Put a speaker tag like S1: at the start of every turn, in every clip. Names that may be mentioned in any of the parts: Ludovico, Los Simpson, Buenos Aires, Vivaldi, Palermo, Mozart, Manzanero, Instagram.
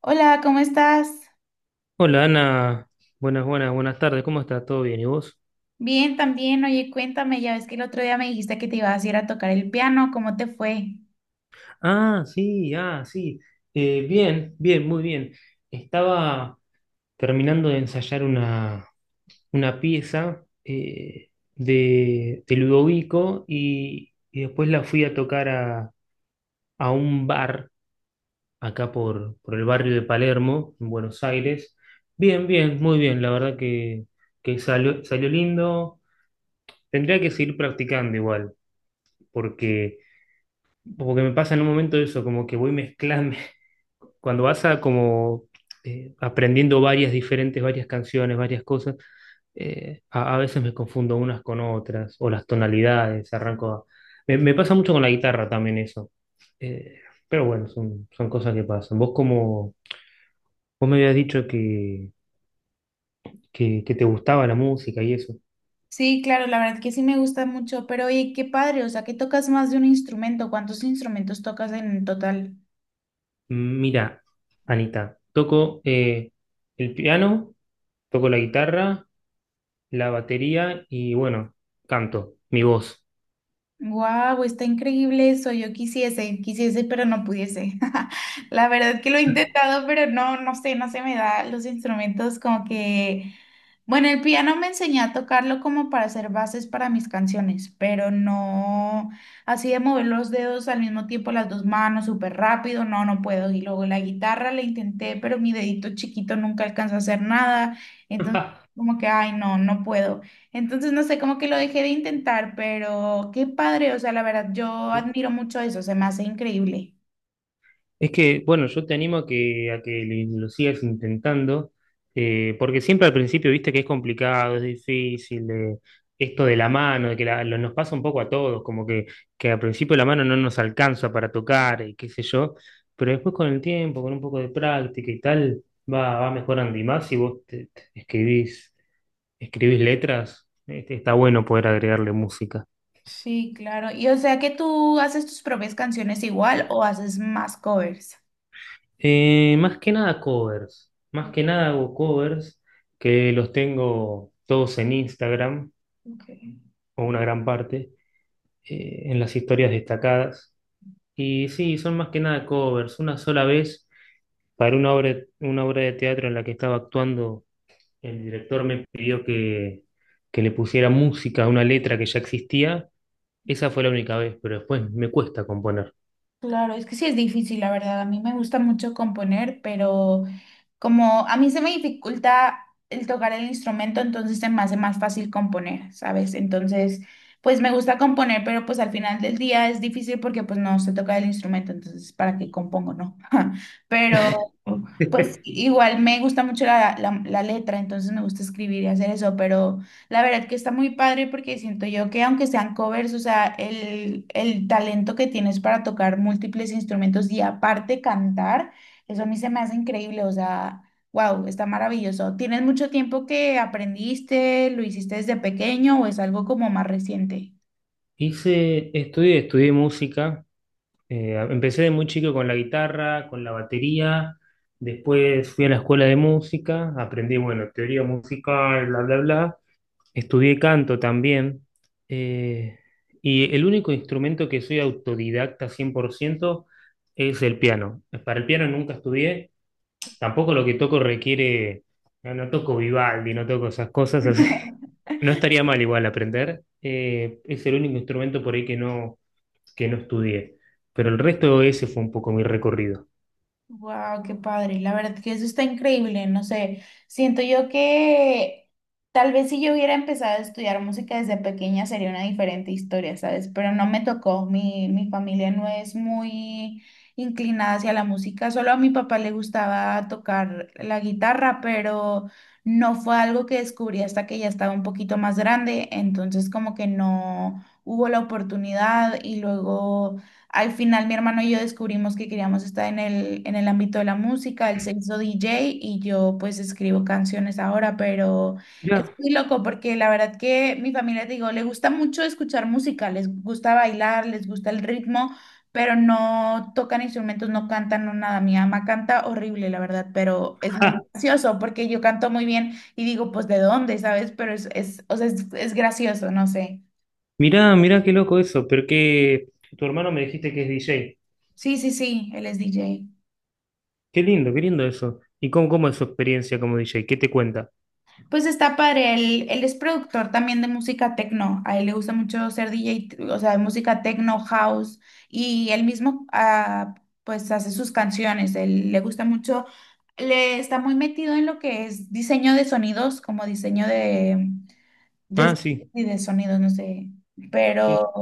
S1: Hola, ¿cómo estás?
S2: Hola Ana, buenas, buenas, buenas tardes, ¿cómo está? ¿Todo bien? ¿Y vos?
S1: Bien, también. Oye, cuéntame, ya ves que el otro día me dijiste que te ibas a ir a tocar el piano, ¿cómo te fue?
S2: Ah, sí, ah, sí. Bien, bien, muy bien. Estaba terminando de ensayar una pieza de Ludovico y después la fui a tocar a un bar acá por el barrio de Palermo, en Buenos Aires. Bien, bien, muy bien, la verdad que salió, salió lindo. Tendría que seguir practicando igual, porque porque me pasa en un momento eso, como que voy mezclando, cuando vas a como aprendiendo varias diferentes, varias canciones, varias cosas, a veces me confundo unas con otras, o las tonalidades, me pasa mucho con la guitarra también eso. Eh, pero bueno, son cosas que pasan. Vos me habías dicho que te gustaba la música y eso.
S1: Sí, claro, la verdad que sí me gusta mucho, pero oye, qué padre, o sea, que tocas más de un instrumento, ¿cuántos instrumentos tocas en total?
S2: Mira, Anita, toco el piano, toco la guitarra la batería y bueno, canto, mi voz.
S1: Wow, está increíble eso. Yo quisiese, quisiese, pero no pudiese. La verdad que lo he intentado, pero no, no sé, no se me da los instrumentos como que. Bueno, el piano me enseñé a tocarlo como para hacer bases para mis canciones, pero no así de mover los dedos al mismo tiempo, las dos manos súper rápido, no, no puedo. Y luego la guitarra la intenté, pero mi dedito chiquito nunca alcanzó a hacer nada. Entonces, como que, ay, no, no puedo. Entonces, no sé, como que lo dejé de intentar, pero qué padre, o sea, la verdad, yo admiro mucho eso, se me hace increíble.
S2: Es que, bueno, yo te animo a a que lo sigas intentando, porque siempre al principio viste que es complicado, es difícil, de, esto de la mano, de que nos pasa un poco a todos, como que al principio la mano no nos alcanza para tocar y qué sé yo, pero después con el tiempo, con un poco de práctica y tal, va mejorando y más si vos te escribís, escribís letras, este, está bueno poder agregarle música.
S1: Sí, claro. Y o sea, que tú haces tus propias canciones igual o haces más covers.
S2: Más que nada covers. Más que nada hago covers que los tengo todos en Instagram,
S1: Ok.
S2: o una gran parte, en las historias destacadas. Y sí, son más que nada covers. Una sola vez, para una obra de teatro en la que estaba actuando, el director me pidió que le pusiera música a una letra que ya existía. Esa fue la única vez, pero después me cuesta componer.
S1: Claro, es que sí es difícil, la verdad. A mí me gusta mucho componer, pero como a mí se me dificulta el tocar el instrumento, entonces se me hace más fácil componer, ¿sabes? Entonces, pues me gusta componer, pero pues al final del día es difícil porque pues no sé tocar el instrumento, entonces ¿para qué compongo, no? Pero pues igual me gusta mucho la letra, entonces me gusta escribir y hacer eso, pero la verdad que está muy padre porque siento yo que aunque sean covers, o sea, el talento que tienes para tocar múltiples instrumentos y aparte cantar. Eso a mí se me hace increíble, o sea, wow, está maravilloso. ¿Tienes mucho tiempo que aprendiste, lo hiciste desde pequeño o es algo como más reciente?
S2: Hice, estudié, estudié música. Empecé de muy chico con la guitarra, con la batería, después fui a la escuela de música, aprendí, bueno, teoría musical, bla, bla, bla. Estudié canto también. eh, y el único instrumento que soy autodidacta 100% es el piano. Para el piano nunca estudié, tampoco lo que toco requiere, no, no toco Vivaldi, no toco esas cosas así. No estaría mal igual aprender. Es el único instrumento por ahí que no estudié. Pero el resto ese fue un poco mi recorrido.
S1: Wow, qué padre. La verdad que eso está increíble. No sé, siento yo que tal vez si yo hubiera empezado a estudiar música desde pequeña sería una diferente historia, ¿sabes? Pero no me tocó. Mi familia no es muy inclinada hacia la música. Solo a mi papá le gustaba tocar la guitarra, pero no fue algo que descubrí hasta que ya estaba un poquito más grande. Entonces como que no hubo la oportunidad y luego… Al final mi hermano y yo descubrimos que queríamos estar en el ámbito de la música, él se hizo DJ y yo pues escribo canciones ahora, pero
S2: Mirá,
S1: es muy loco porque la verdad que mi familia, te digo, le gusta mucho escuchar música, les gusta bailar, les gusta el ritmo, pero no tocan instrumentos, no cantan, no nada. Mi mamá canta horrible, la verdad, pero es
S2: ah,
S1: muy gracioso porque yo canto muy bien y digo, pues ¿de dónde? ¿Sabes? Pero es, o sea, es gracioso, no sé.
S2: mirá, mirá qué loco eso, pero que tu hermano me dijiste que es DJ.
S1: Sí, sí, sí, él es DJ.
S2: Qué lindo eso. ¿Y cómo, cómo es su experiencia como DJ? ¿Qué te cuenta?
S1: Pues está padre, él es productor también de música techno, a él le gusta mucho ser DJ, o sea, de música techno, house, y él mismo pues hace sus canciones, él le gusta mucho, le está muy metido en lo que es diseño de sonidos, como diseño
S2: Ah,
S1: de,
S2: sí,
S1: y de sonidos, no sé,
S2: sí.
S1: pero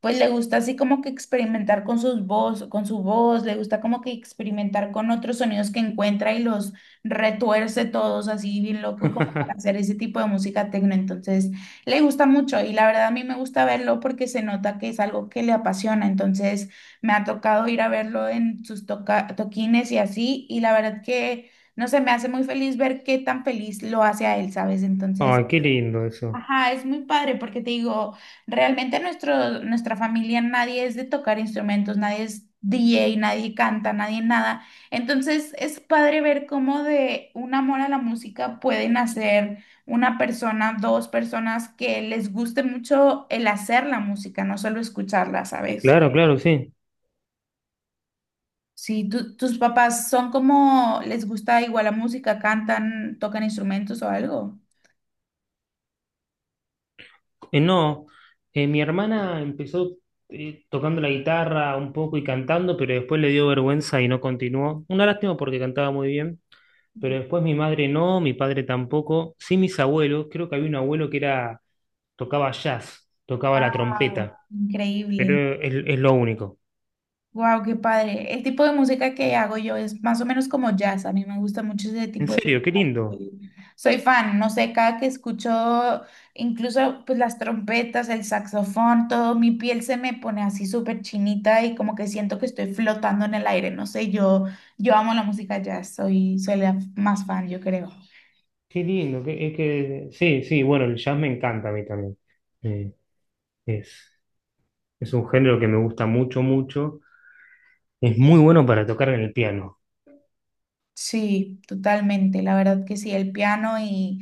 S1: pues le gusta así como que experimentar con sus voz, con su voz, le gusta como que experimentar con otros sonidos que encuentra y los retuerce todos así bien loco como para hacer ese tipo de música tecno, entonces le gusta mucho y la verdad a mí me gusta verlo porque se nota que es algo que le apasiona, entonces me ha tocado ir a verlo en sus toquines y así y la verdad que no sé, me hace muy feliz ver qué tan feliz lo hace a él, ¿sabes? Entonces,
S2: Ay, qué lindo eso.
S1: ajá, es muy padre porque te digo, realmente nuestra familia nadie es de tocar instrumentos, nadie es DJ, nadie canta, nadie nada. Entonces es padre ver cómo de un amor a la música pueden hacer una persona, dos personas que les guste mucho el hacer la música, no solo escucharla, ¿sabes?
S2: Claro, claro, sí.
S1: Si tus papás son como, les gusta igual la música, cantan, tocan instrumentos o algo.
S2: No, mi hermana empezó tocando la guitarra un poco y cantando, pero después le dio vergüenza y no continuó. Una lástima porque cantaba muy bien. Pero después mi madre no, mi padre tampoco, sí mis abuelos, creo que había un abuelo que era, tocaba jazz, tocaba la
S1: Wow,
S2: trompeta,
S1: increíble.
S2: pero es lo único.
S1: Wow, qué padre. El tipo de música que hago yo es más o menos como jazz. A mí me gusta mucho ese
S2: En
S1: tipo de
S2: serio,
S1: música. Soy fan, no sé, cada que escucho incluso pues las trompetas, el saxofón, todo, mi piel se me pone así súper chinita y como que siento que estoy flotando en el aire. No sé, yo amo la música jazz, soy, soy la más fan, yo creo.
S2: qué lindo, que, es que, sí, sí, bueno, el jazz me encanta a mí también. Eh, es, es un género que me gusta mucho, mucho, es muy bueno para tocar en el piano.
S1: Sí, totalmente, la verdad que sí, el piano y,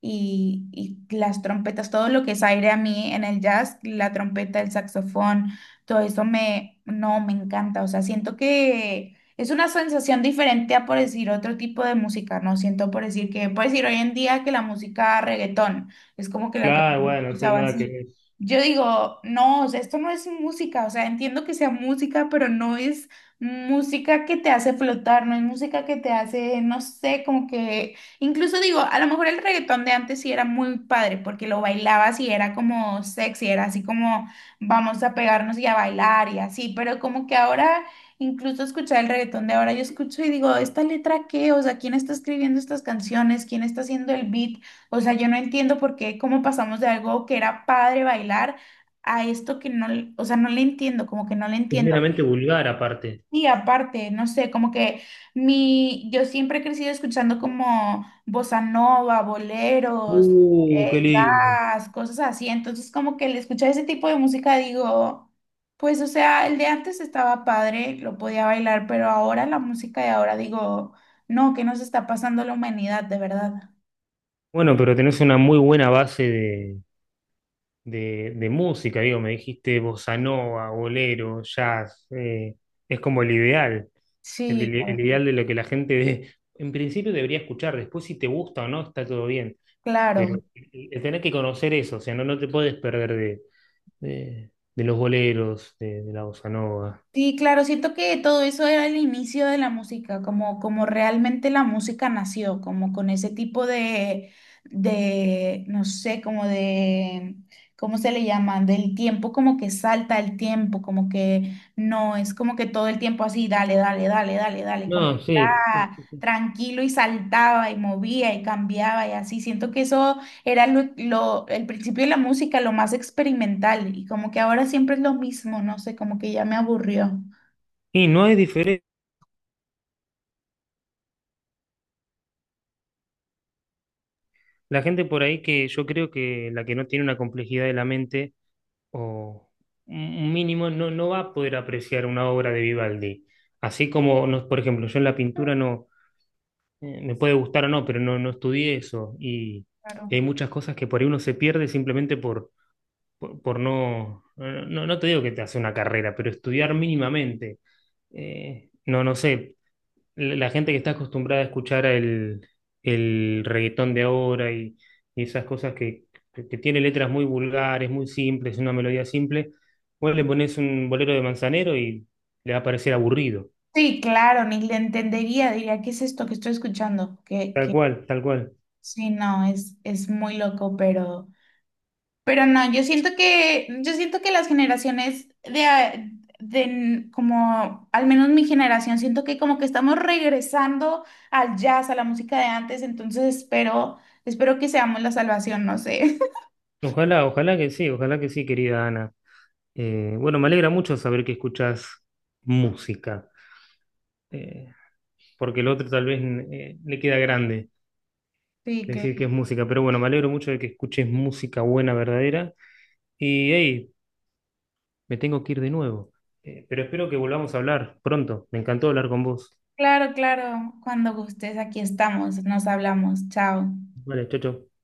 S1: y, y las trompetas, todo lo que es aire a mí en el jazz, la trompeta, el saxofón, todo eso me, no, me encanta, o sea, siento que es una sensación diferente a por decir otro tipo de música, no siento por decir que, por decir hoy en día que la música reggaetón es como que la que
S2: Claro, bueno, sí,
S1: escuchaba
S2: nada que
S1: así.
S2: ver.
S1: Yo digo, no, o sea, esto no es música, o sea, entiendo que sea música, pero no es música que te hace flotar, no es música que te hace, no sé, como que, incluso digo, a lo mejor el reggaetón de antes sí era muy padre, porque lo bailabas y era como sexy, era así como vamos a pegarnos y a bailar y así, pero como que ahora, incluso escuchar el reggaetón de ahora, yo escucho y digo, ¿esta letra qué? O sea, ¿quién está escribiendo estas canciones? ¿Quién está haciendo el beat? O sea, yo no entiendo por qué, cómo pasamos de algo que era padre bailar a esto que no, o sea, no le entiendo, como que no le
S2: Es
S1: entiendo.
S2: meramente vulgar aparte.
S1: Y aparte, no sé, como que mi, yo siempre he crecido escuchando como bossa nova, boleros,
S2: Qué lindo.
S1: jazz, cosas así. Entonces, como que al escuchar ese tipo de música digo, pues, o sea, el de antes estaba padre, lo podía bailar, pero ahora la música de ahora digo, no, ¿qué nos está pasando a la humanidad, de verdad?
S2: Bueno, pero tenés una muy buena base de música, digo, me dijiste bossa nova, bolero, jazz, es como el ideal,
S1: Sí,
S2: el ideal de lo que la gente de- en principio debería escuchar, después si te gusta o no, está todo bien,
S1: claro.
S2: pero el tener que conocer eso, o sea, no, no te puedes perder de, de los boleros, de la bossa nova.
S1: Sí, claro, siento que todo eso era el inicio de la música, como, como realmente la música nació, como con ese tipo no sé, como de, ¿cómo se le llama? Del tiempo, como que salta el tiempo, como que no, es como que todo el tiempo así, dale, dale, dale, dale, dale, como
S2: No,
S1: que
S2: sí, sí,
S1: está
S2: sí, sí.
S1: tranquilo y saltaba y movía y cambiaba y así. Siento que eso era el principio de la música, lo más experimental, y como que ahora siempre es lo mismo, no sé, como que ya me aburrió.
S2: Y no es diferente. La gente por ahí que yo creo que la que no tiene una complejidad de la mente, o un mínimo, no, no va a poder apreciar una obra de Vivaldi. Así como, no- por ejemplo, yo en la pintura no, me puede gustar o no, pero no, no estudié eso. Y hay
S1: Claro.
S2: muchas cosas que por ahí uno se pierde simplemente por, por no, no, no te digo que te hace una carrera, pero estudiar mínimamente. No, no sé, la gente que está acostumbrada a escuchar el reggaetón de ahora y esas cosas que tiene letras muy vulgares, muy simples, una melodía simple, vos le pones un bolero de Manzanero y le va a parecer aburrido.
S1: Sí, claro, ni le entendería, diría, ¿qué es esto que estoy escuchando? Que,
S2: Tal
S1: que
S2: cual, tal cual.
S1: sí, no, es muy loco, pero no, yo siento que las generaciones de, a- de n- como, al menos mi generación, siento que como que estamos regresando al jazz, a la música de antes, entonces espero, espero que seamos la salvación, no sé.
S2: Ojalá, ojalá que sí, querida Ana. Bueno, me alegra mucho saber que escuchás música, eh, porque el otro tal vez le queda grande
S1: Sí,
S2: decir que
S1: claro.
S2: es música, pero bueno, me alegro mucho de que escuches música buena, verdadera. Y hey, me tengo que ir de nuevo. Pero espero que volvamos a hablar pronto. Me encantó hablar con vos.
S1: Claro, claro. Cuando gustes, aquí estamos. Nos hablamos. Chao.
S2: Vale, chao, chao.